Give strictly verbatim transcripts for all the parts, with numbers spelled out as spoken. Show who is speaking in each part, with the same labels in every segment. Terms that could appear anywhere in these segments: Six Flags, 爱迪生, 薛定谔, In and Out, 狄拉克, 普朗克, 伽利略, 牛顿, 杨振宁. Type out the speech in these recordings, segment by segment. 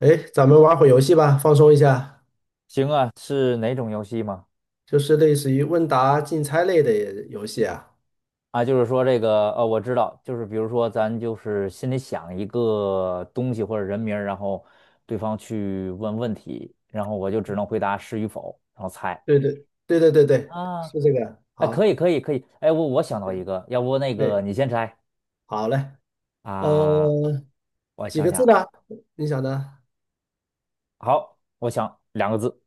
Speaker 1: 哎，咱们玩会游戏吧，放松一下，
Speaker 2: 行啊，是哪种游戏吗？
Speaker 1: 就是类似于问答竞猜类的游戏啊。
Speaker 2: 啊，就是说这个，呃，我知道，就是比如说咱就是心里想一个东西或者人名儿，然后对方去问问题，然后我就只能回答是与否，然后猜。
Speaker 1: 对对对对对对，
Speaker 2: 啊，
Speaker 1: 是这个。
Speaker 2: 哎，可以，
Speaker 1: 好，
Speaker 2: 可以，可以。哎，我我想到一
Speaker 1: 嗯
Speaker 2: 个，要不那
Speaker 1: 哎，
Speaker 2: 个你先猜
Speaker 1: 好嘞，
Speaker 2: 啊？
Speaker 1: 呃，
Speaker 2: 我
Speaker 1: 几
Speaker 2: 想
Speaker 1: 个字呢？
Speaker 2: 想，
Speaker 1: 你想呢？
Speaker 2: 好，我想两个字，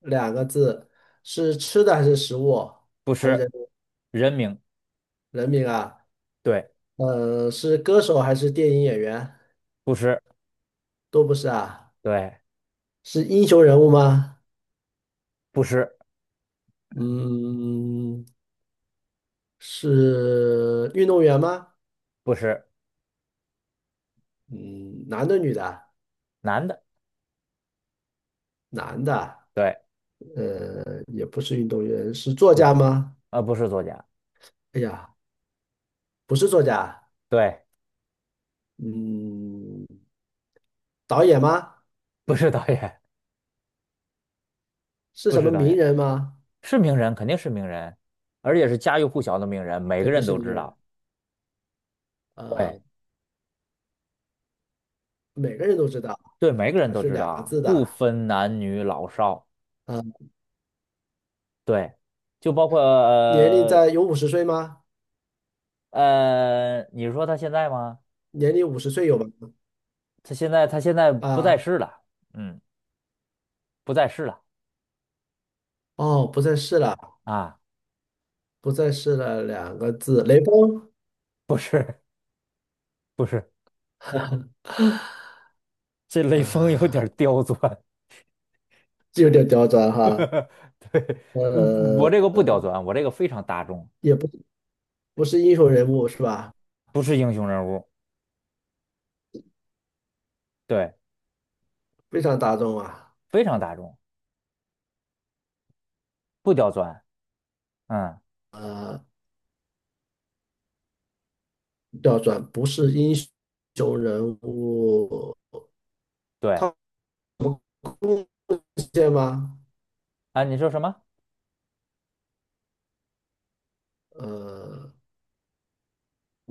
Speaker 1: 两个字，是吃的还是食物，
Speaker 2: 不
Speaker 1: 还是
Speaker 2: 是
Speaker 1: 人
Speaker 2: 人名，
Speaker 1: 人名啊？
Speaker 2: 对，
Speaker 1: 呃，是歌手还是电影演员？
Speaker 2: 不是，
Speaker 1: 都不是啊，
Speaker 2: 对，
Speaker 1: 是英雄人物吗？
Speaker 2: 不是，
Speaker 1: 嗯，是运动员吗？
Speaker 2: 不是
Speaker 1: 嗯，男的女的啊？
Speaker 2: 男的，
Speaker 1: 男的。
Speaker 2: 对，
Speaker 1: 呃，也不是运动员，是作
Speaker 2: 不
Speaker 1: 家
Speaker 2: 是，
Speaker 1: 吗？
Speaker 2: 呃，不是作家，
Speaker 1: 哎呀，不是作家，
Speaker 2: 对。
Speaker 1: 嗯，导演吗？
Speaker 2: 不是导演，
Speaker 1: 是
Speaker 2: 不
Speaker 1: 什
Speaker 2: 是
Speaker 1: 么
Speaker 2: 导
Speaker 1: 名
Speaker 2: 演，
Speaker 1: 人吗？
Speaker 2: 是名人，肯定是名人，而且是家喻户晓的名人，每个
Speaker 1: 肯定
Speaker 2: 人
Speaker 1: 是
Speaker 2: 都
Speaker 1: 名
Speaker 2: 知
Speaker 1: 人，
Speaker 2: 道。对
Speaker 1: 呃，每个人都知道，
Speaker 2: 对，每个人
Speaker 1: 还
Speaker 2: 都
Speaker 1: 是
Speaker 2: 知道
Speaker 1: 两个
Speaker 2: 啊，
Speaker 1: 字
Speaker 2: 不
Speaker 1: 的，
Speaker 2: 分男女老少。
Speaker 1: 呃，
Speaker 2: 对，就包括
Speaker 1: 年龄
Speaker 2: 呃
Speaker 1: 在有五十岁吗？
Speaker 2: 呃，你说他现在吗？
Speaker 1: 年龄五十岁有吗？
Speaker 2: 他现在他现在不在
Speaker 1: 啊，
Speaker 2: 世了，嗯，不在世了
Speaker 1: 哦，不再是了，
Speaker 2: 啊，
Speaker 1: 不再是了，两个字，雷锋
Speaker 2: 不是不是，这雷锋有点
Speaker 1: 啊，
Speaker 2: 儿刁钻，
Speaker 1: 这有点刁钻 哈，
Speaker 2: 对，嗯我
Speaker 1: 呃，
Speaker 2: 这个不刁钻，我这个非常大众，
Speaker 1: 也不不是英雄人物是吧？
Speaker 2: 不是英雄人物，对，
Speaker 1: 非常大众啊。
Speaker 2: 非常大众，不刁钻。嗯，
Speaker 1: 呃调转，不是英雄人物，
Speaker 2: 对
Speaker 1: 他贡献吗？
Speaker 2: 啊，你说什么？
Speaker 1: 呃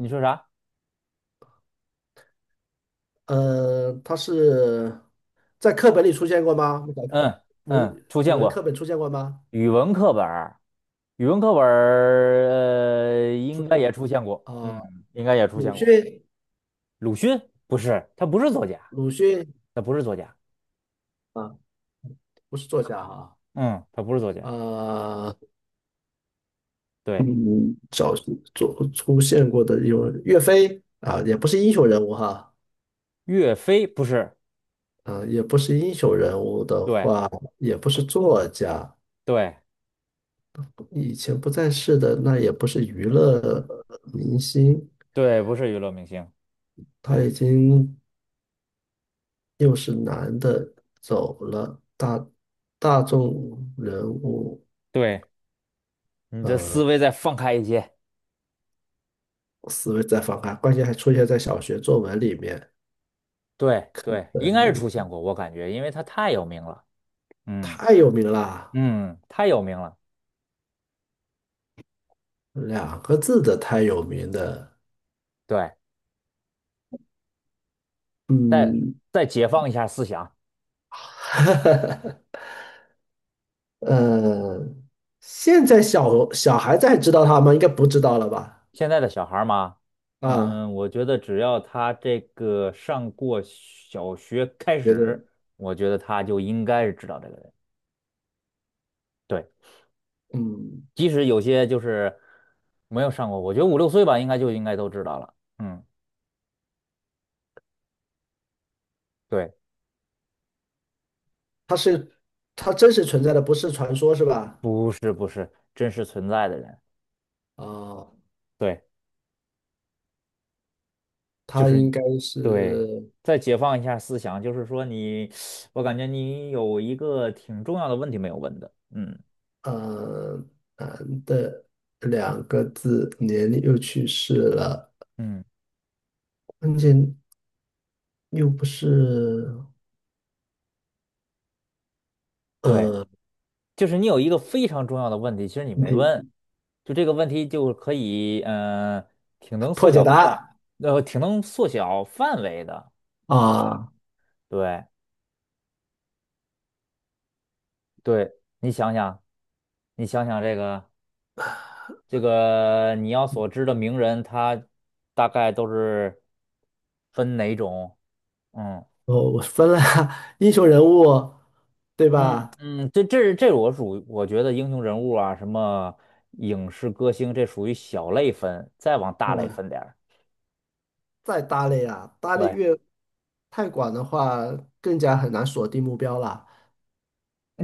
Speaker 2: 你说啥？
Speaker 1: 呃，他是在课本里出现过吗？
Speaker 2: 嗯嗯，
Speaker 1: 文
Speaker 2: 出
Speaker 1: 语
Speaker 2: 现
Speaker 1: 文课
Speaker 2: 过
Speaker 1: 本出现过吗？
Speaker 2: 语文课本儿，语文课本儿呃
Speaker 1: 出
Speaker 2: 应该
Speaker 1: 现
Speaker 2: 也出
Speaker 1: 过
Speaker 2: 现过，嗯，
Speaker 1: 啊，
Speaker 2: 应该也出
Speaker 1: 鲁
Speaker 2: 现过。
Speaker 1: 迅，
Speaker 2: 鲁迅不是，他不是作家，
Speaker 1: 鲁迅
Speaker 2: 他不是作家，
Speaker 1: 啊，不是作家啊，
Speaker 2: 嗯，他不是作家。
Speaker 1: 呃，
Speaker 2: 对，
Speaker 1: 嗯，找做出现过的有岳飞啊，也不是英雄人物哈，
Speaker 2: 岳飞不是，
Speaker 1: 啊，也不是英雄人物的
Speaker 2: 对
Speaker 1: 话，也不是作家，
Speaker 2: 对
Speaker 1: 以前不在世的那也不是娱乐呃明星，
Speaker 2: 对，不是娱乐明星。
Speaker 1: 他已经又是男的走了，大大众人物，
Speaker 2: 对，你的思
Speaker 1: 呃，
Speaker 2: 维再放开一些。
Speaker 1: 思维在放开，关键还出现在小学作文里面，
Speaker 2: 对对，应该是出
Speaker 1: 呃，
Speaker 2: 现过，我感觉，因为他太有名了。嗯
Speaker 1: 太有名了，
Speaker 2: 嗯，太有名了。
Speaker 1: 两个字的太有名的，
Speaker 2: 对。再
Speaker 1: 嗯，
Speaker 2: 再解放一下思想。
Speaker 1: 呃，现在小小孩子还知道他吗？应该不知道了吧？
Speaker 2: 现在的小孩儿嘛，
Speaker 1: 啊，
Speaker 2: 嗯，我觉得只要他这个上过小学开
Speaker 1: 觉得，
Speaker 2: 始，我觉得他就应该是知道这个人。对，
Speaker 1: 嗯。
Speaker 2: 即使有些就是没有上过，我觉得五六岁吧，应该就应该都知道了。嗯，对，
Speaker 1: 它真实存在的不是传说是吧？
Speaker 2: 不是不是真实存在的人，
Speaker 1: 啊、
Speaker 2: 对，就
Speaker 1: 它
Speaker 2: 是
Speaker 1: 应该
Speaker 2: 对。
Speaker 1: 是
Speaker 2: 再解放一下思想，就是说你，我感觉你有一个挺重要的问题没有问的，嗯
Speaker 1: 呃男的两个字，年龄又去世了，
Speaker 2: 嗯，
Speaker 1: 关键又不是
Speaker 2: 对。
Speaker 1: 呃
Speaker 2: 就是你有一个非常重要的问题，其实你
Speaker 1: 问
Speaker 2: 没问，
Speaker 1: 题
Speaker 2: 就这个问题就可以，嗯、挺能缩
Speaker 1: 破解
Speaker 2: 小
Speaker 1: 答
Speaker 2: 范，
Speaker 1: 案
Speaker 2: 呃，挺能缩小范围的。对，
Speaker 1: 啊，
Speaker 2: 对对，你想想，你想想这个这个你要所知的名人，他大概都是分哪种？嗯
Speaker 1: 我我分了 英雄人物对
Speaker 2: 嗯
Speaker 1: 吧？
Speaker 2: 嗯，这这这我属于我觉得英雄人物啊，什么影视歌星，这属于小类分，再往大
Speaker 1: 嗯，
Speaker 2: 类
Speaker 1: 啊
Speaker 2: 分点儿。
Speaker 1: 再搭类啊，搭类
Speaker 2: 对。
Speaker 1: 越太广的话，更加很难锁定目标了。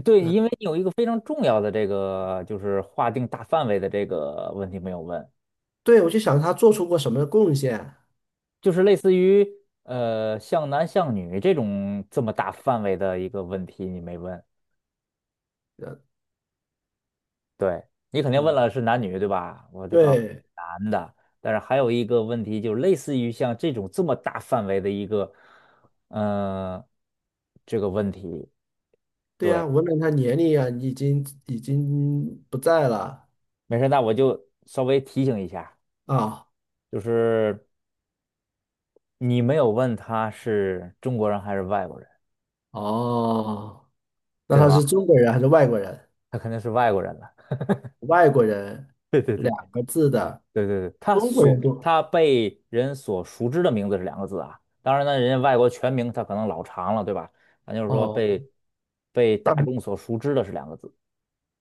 Speaker 2: 对，
Speaker 1: 嗯，
Speaker 2: 因为你有一个非常重要的这个，就是划定大范围的这个问题没有问，
Speaker 1: 对，我就想他做出过什么贡献。
Speaker 2: 就是类似于呃像男像女这种这么大范围的一个问题你没问，
Speaker 1: 呃
Speaker 2: 对你肯定问了
Speaker 1: 嗯。
Speaker 2: 是男女对吧？我就告诉
Speaker 1: 对
Speaker 2: 你男的，但是还有一个问题就是类似于像这种这么大范围的一个嗯、呃这个问题，
Speaker 1: 对
Speaker 2: 对，
Speaker 1: 呀，无论他年龄啊，已经已经不在了
Speaker 2: 没事，那我就稍微提醒一下，
Speaker 1: 啊。
Speaker 2: 就是你没有问他是中国人还是外国人。
Speaker 1: 哦，那
Speaker 2: 对
Speaker 1: 他是
Speaker 2: 吧？
Speaker 1: 中国人还是外国人？
Speaker 2: 他肯定是外国人了。
Speaker 1: 外国人
Speaker 2: 对对对
Speaker 1: 两个字的，
Speaker 2: 对对对，他
Speaker 1: 中国人
Speaker 2: 所
Speaker 1: 都
Speaker 2: 他被人所熟知的名字是两个字啊。当然呢，人家外国全名他可能老长了，对吧？咱就是说
Speaker 1: 哦，
Speaker 2: 被被大
Speaker 1: 但
Speaker 2: 众所熟知的是两个字。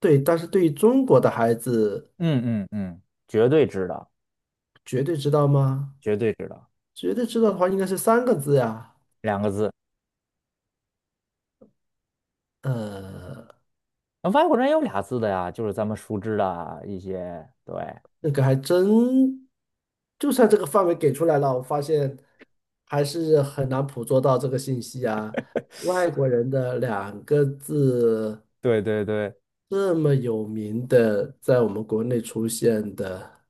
Speaker 1: 对，但是对于中国的孩子，
Speaker 2: 嗯嗯嗯，绝对知道，
Speaker 1: 绝对知道吗？
Speaker 2: 绝对知道，
Speaker 1: 绝对知道的话，应该是三个字呀。
Speaker 2: 两个字。
Speaker 1: 呃，
Speaker 2: 那外国人也有俩字的呀，就是咱们熟知的啊一些。对
Speaker 1: 那个还真，就算这个范围给出来了，我发现还是很难捕捉到这个信息啊。外国人的两个字
Speaker 2: 对对对
Speaker 1: 这么有名的，在我们国内出现的，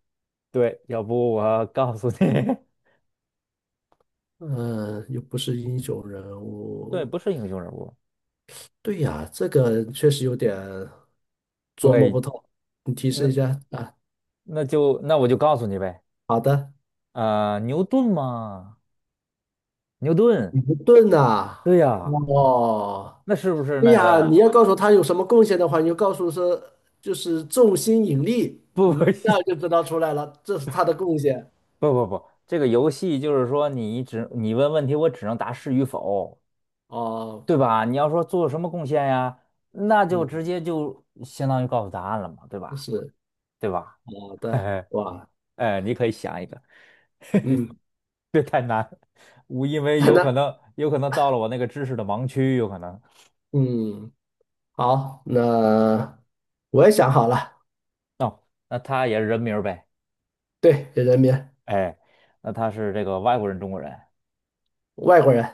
Speaker 2: 对，要不我告诉你，
Speaker 1: 嗯、又不是英雄人
Speaker 2: 对，
Speaker 1: 物，
Speaker 2: 不是英雄人物。
Speaker 1: 对呀，这个确实有点琢磨
Speaker 2: 对，
Speaker 1: 不透。你提示
Speaker 2: 那
Speaker 1: 一下啊？
Speaker 2: 那就那我就告诉你呗。
Speaker 1: 好的，
Speaker 2: 呃，牛顿吗？牛顿，
Speaker 1: 尼克顿呐，
Speaker 2: 对呀，
Speaker 1: 哦。
Speaker 2: 那是不是
Speaker 1: 对
Speaker 2: 那
Speaker 1: 呀，
Speaker 2: 个？
Speaker 1: 你要告诉他有什么贡献的话，你就告诉说就是重心引力，
Speaker 2: 不不
Speaker 1: 嗯，那就知道出来了，这是他的贡献。
Speaker 2: 不不不，这个游戏就是说你只你问问题，我只能答是与否，
Speaker 1: 哦，
Speaker 2: 对吧？你要说做什么贡献呀，那就直
Speaker 1: 嗯，
Speaker 2: 接就相当于告诉答案了嘛，对吧？
Speaker 1: 是
Speaker 2: 对吧？
Speaker 1: 好
Speaker 2: 嘿
Speaker 1: 的，
Speaker 2: 嘿，
Speaker 1: 哇，
Speaker 2: 哎，你可以想一个，
Speaker 1: 嗯，
Speaker 2: 别太难，我因为 有可
Speaker 1: 那
Speaker 2: 能有可能到了我那个知识的盲区，有可能。
Speaker 1: 嗯，好，那我也想好了，
Speaker 2: 那他也是人名儿呗，
Speaker 1: 对，人民，
Speaker 2: 哎，那他是这个外国人、中国人，
Speaker 1: 外国人，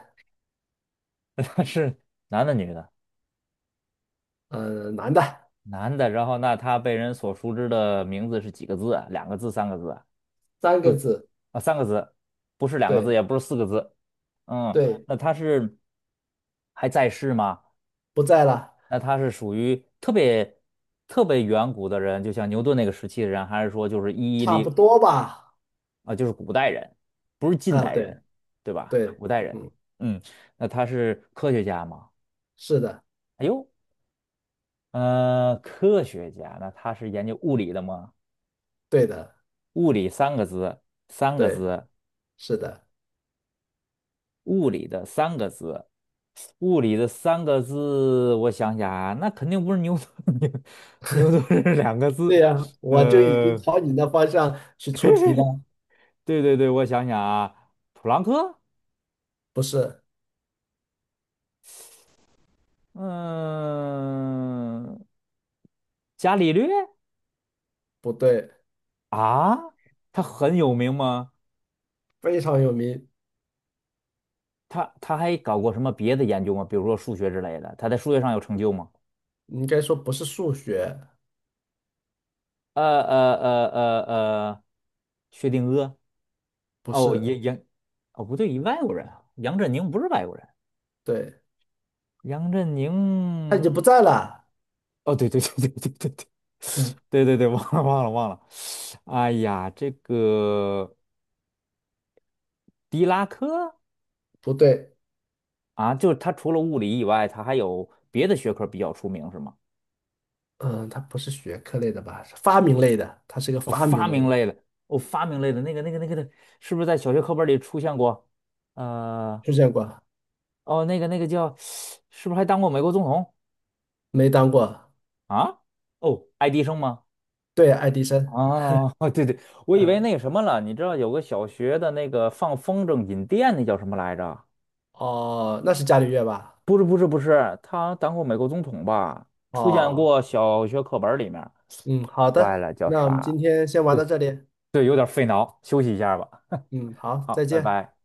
Speaker 2: 他是男的女的？
Speaker 1: 呃，男的，
Speaker 2: 男的，然后那他被人所熟知的名字是几个字啊？两个字，三个字啊？
Speaker 1: 三个
Speaker 2: 四
Speaker 1: 字，
Speaker 2: 啊，三个字，不是两个字，
Speaker 1: 对
Speaker 2: 也不是四个字。嗯，
Speaker 1: 对，
Speaker 2: 那他是还在世吗？
Speaker 1: 不在了，
Speaker 2: 那他是属于特别特别远古的人，就像牛顿那个时期的人，还是说就是一一
Speaker 1: 差不
Speaker 2: 零
Speaker 1: 多吧，
Speaker 2: 啊，就是古代人，不是近
Speaker 1: 嗯，
Speaker 2: 代
Speaker 1: 对
Speaker 2: 人，对吧？
Speaker 1: 对，
Speaker 2: 古代人，
Speaker 1: 嗯，
Speaker 2: 嗯，那他是科学家吗？
Speaker 1: 是的，
Speaker 2: 哎呦，呃，科学家，那他是研究物理的吗？
Speaker 1: 对的，
Speaker 2: 物理三个字，三个
Speaker 1: 对，
Speaker 2: 字，
Speaker 1: 是的。
Speaker 2: 物理的三个字，物理的三个字，我想想啊，那肯定不是牛顿，牛牛顿是两个字，
Speaker 1: 对呀，我就已经
Speaker 2: 呃，
Speaker 1: 朝你那方向去出题了。
Speaker 2: 对对对，我想想啊，普朗克，
Speaker 1: 不是，
Speaker 2: 嗯，伽利略
Speaker 1: 不对，
Speaker 2: 啊，他很有名吗？
Speaker 1: 非常有名，
Speaker 2: 他他还搞过什么别的研究吗？比如说数学之类的，他在数学上有成就吗？
Speaker 1: 你应该说不是数学，
Speaker 2: 呃呃呃呃呃，薛定谔。
Speaker 1: 不
Speaker 2: 哦，
Speaker 1: 是，
Speaker 2: 杨杨，哦不对，外国人啊，杨振宁不是外国人，
Speaker 1: 对，
Speaker 2: 杨振
Speaker 1: 他
Speaker 2: 宁，
Speaker 1: 已经不在了。
Speaker 2: 哦对对对对对对对，对对对，忘了忘了忘了，哎呀，这个狄拉克
Speaker 1: 不对，
Speaker 2: 啊，就是他除了物理以外，他还有别的学科比较出名是吗？
Speaker 1: 嗯，他不是学科类的吧？是发明类的，他是个
Speaker 2: 哦，
Speaker 1: 发明
Speaker 2: 发
Speaker 1: 类
Speaker 2: 明
Speaker 1: 的，
Speaker 2: 类的，哦，发明类的那个那个那个的，是不是在小学课本里出现过？呃，
Speaker 1: 出现过，
Speaker 2: 哦，那个那个叫，是不是还当过美国总统
Speaker 1: 没当过。
Speaker 2: 啊？哦，爱迪生吗？
Speaker 1: 对，爱迪生，
Speaker 2: 啊，对对，我以为
Speaker 1: 嗯，
Speaker 2: 那个什么了，你知道有个小学的那个放风筝引电，那叫什么来着？
Speaker 1: 哦，那是伽利略吧？
Speaker 2: 不是不是不是，他当过美国总统吧？出现
Speaker 1: 哦，
Speaker 2: 过小学课本里面，
Speaker 1: 嗯，好
Speaker 2: 坏
Speaker 1: 的，
Speaker 2: 了，叫
Speaker 1: 那我们
Speaker 2: 啥？
Speaker 1: 今天先玩
Speaker 2: 对
Speaker 1: 到这里，
Speaker 2: 对，有点费脑，休息一下吧。
Speaker 1: 嗯，好，再
Speaker 2: 好，拜
Speaker 1: 见。
Speaker 2: 拜。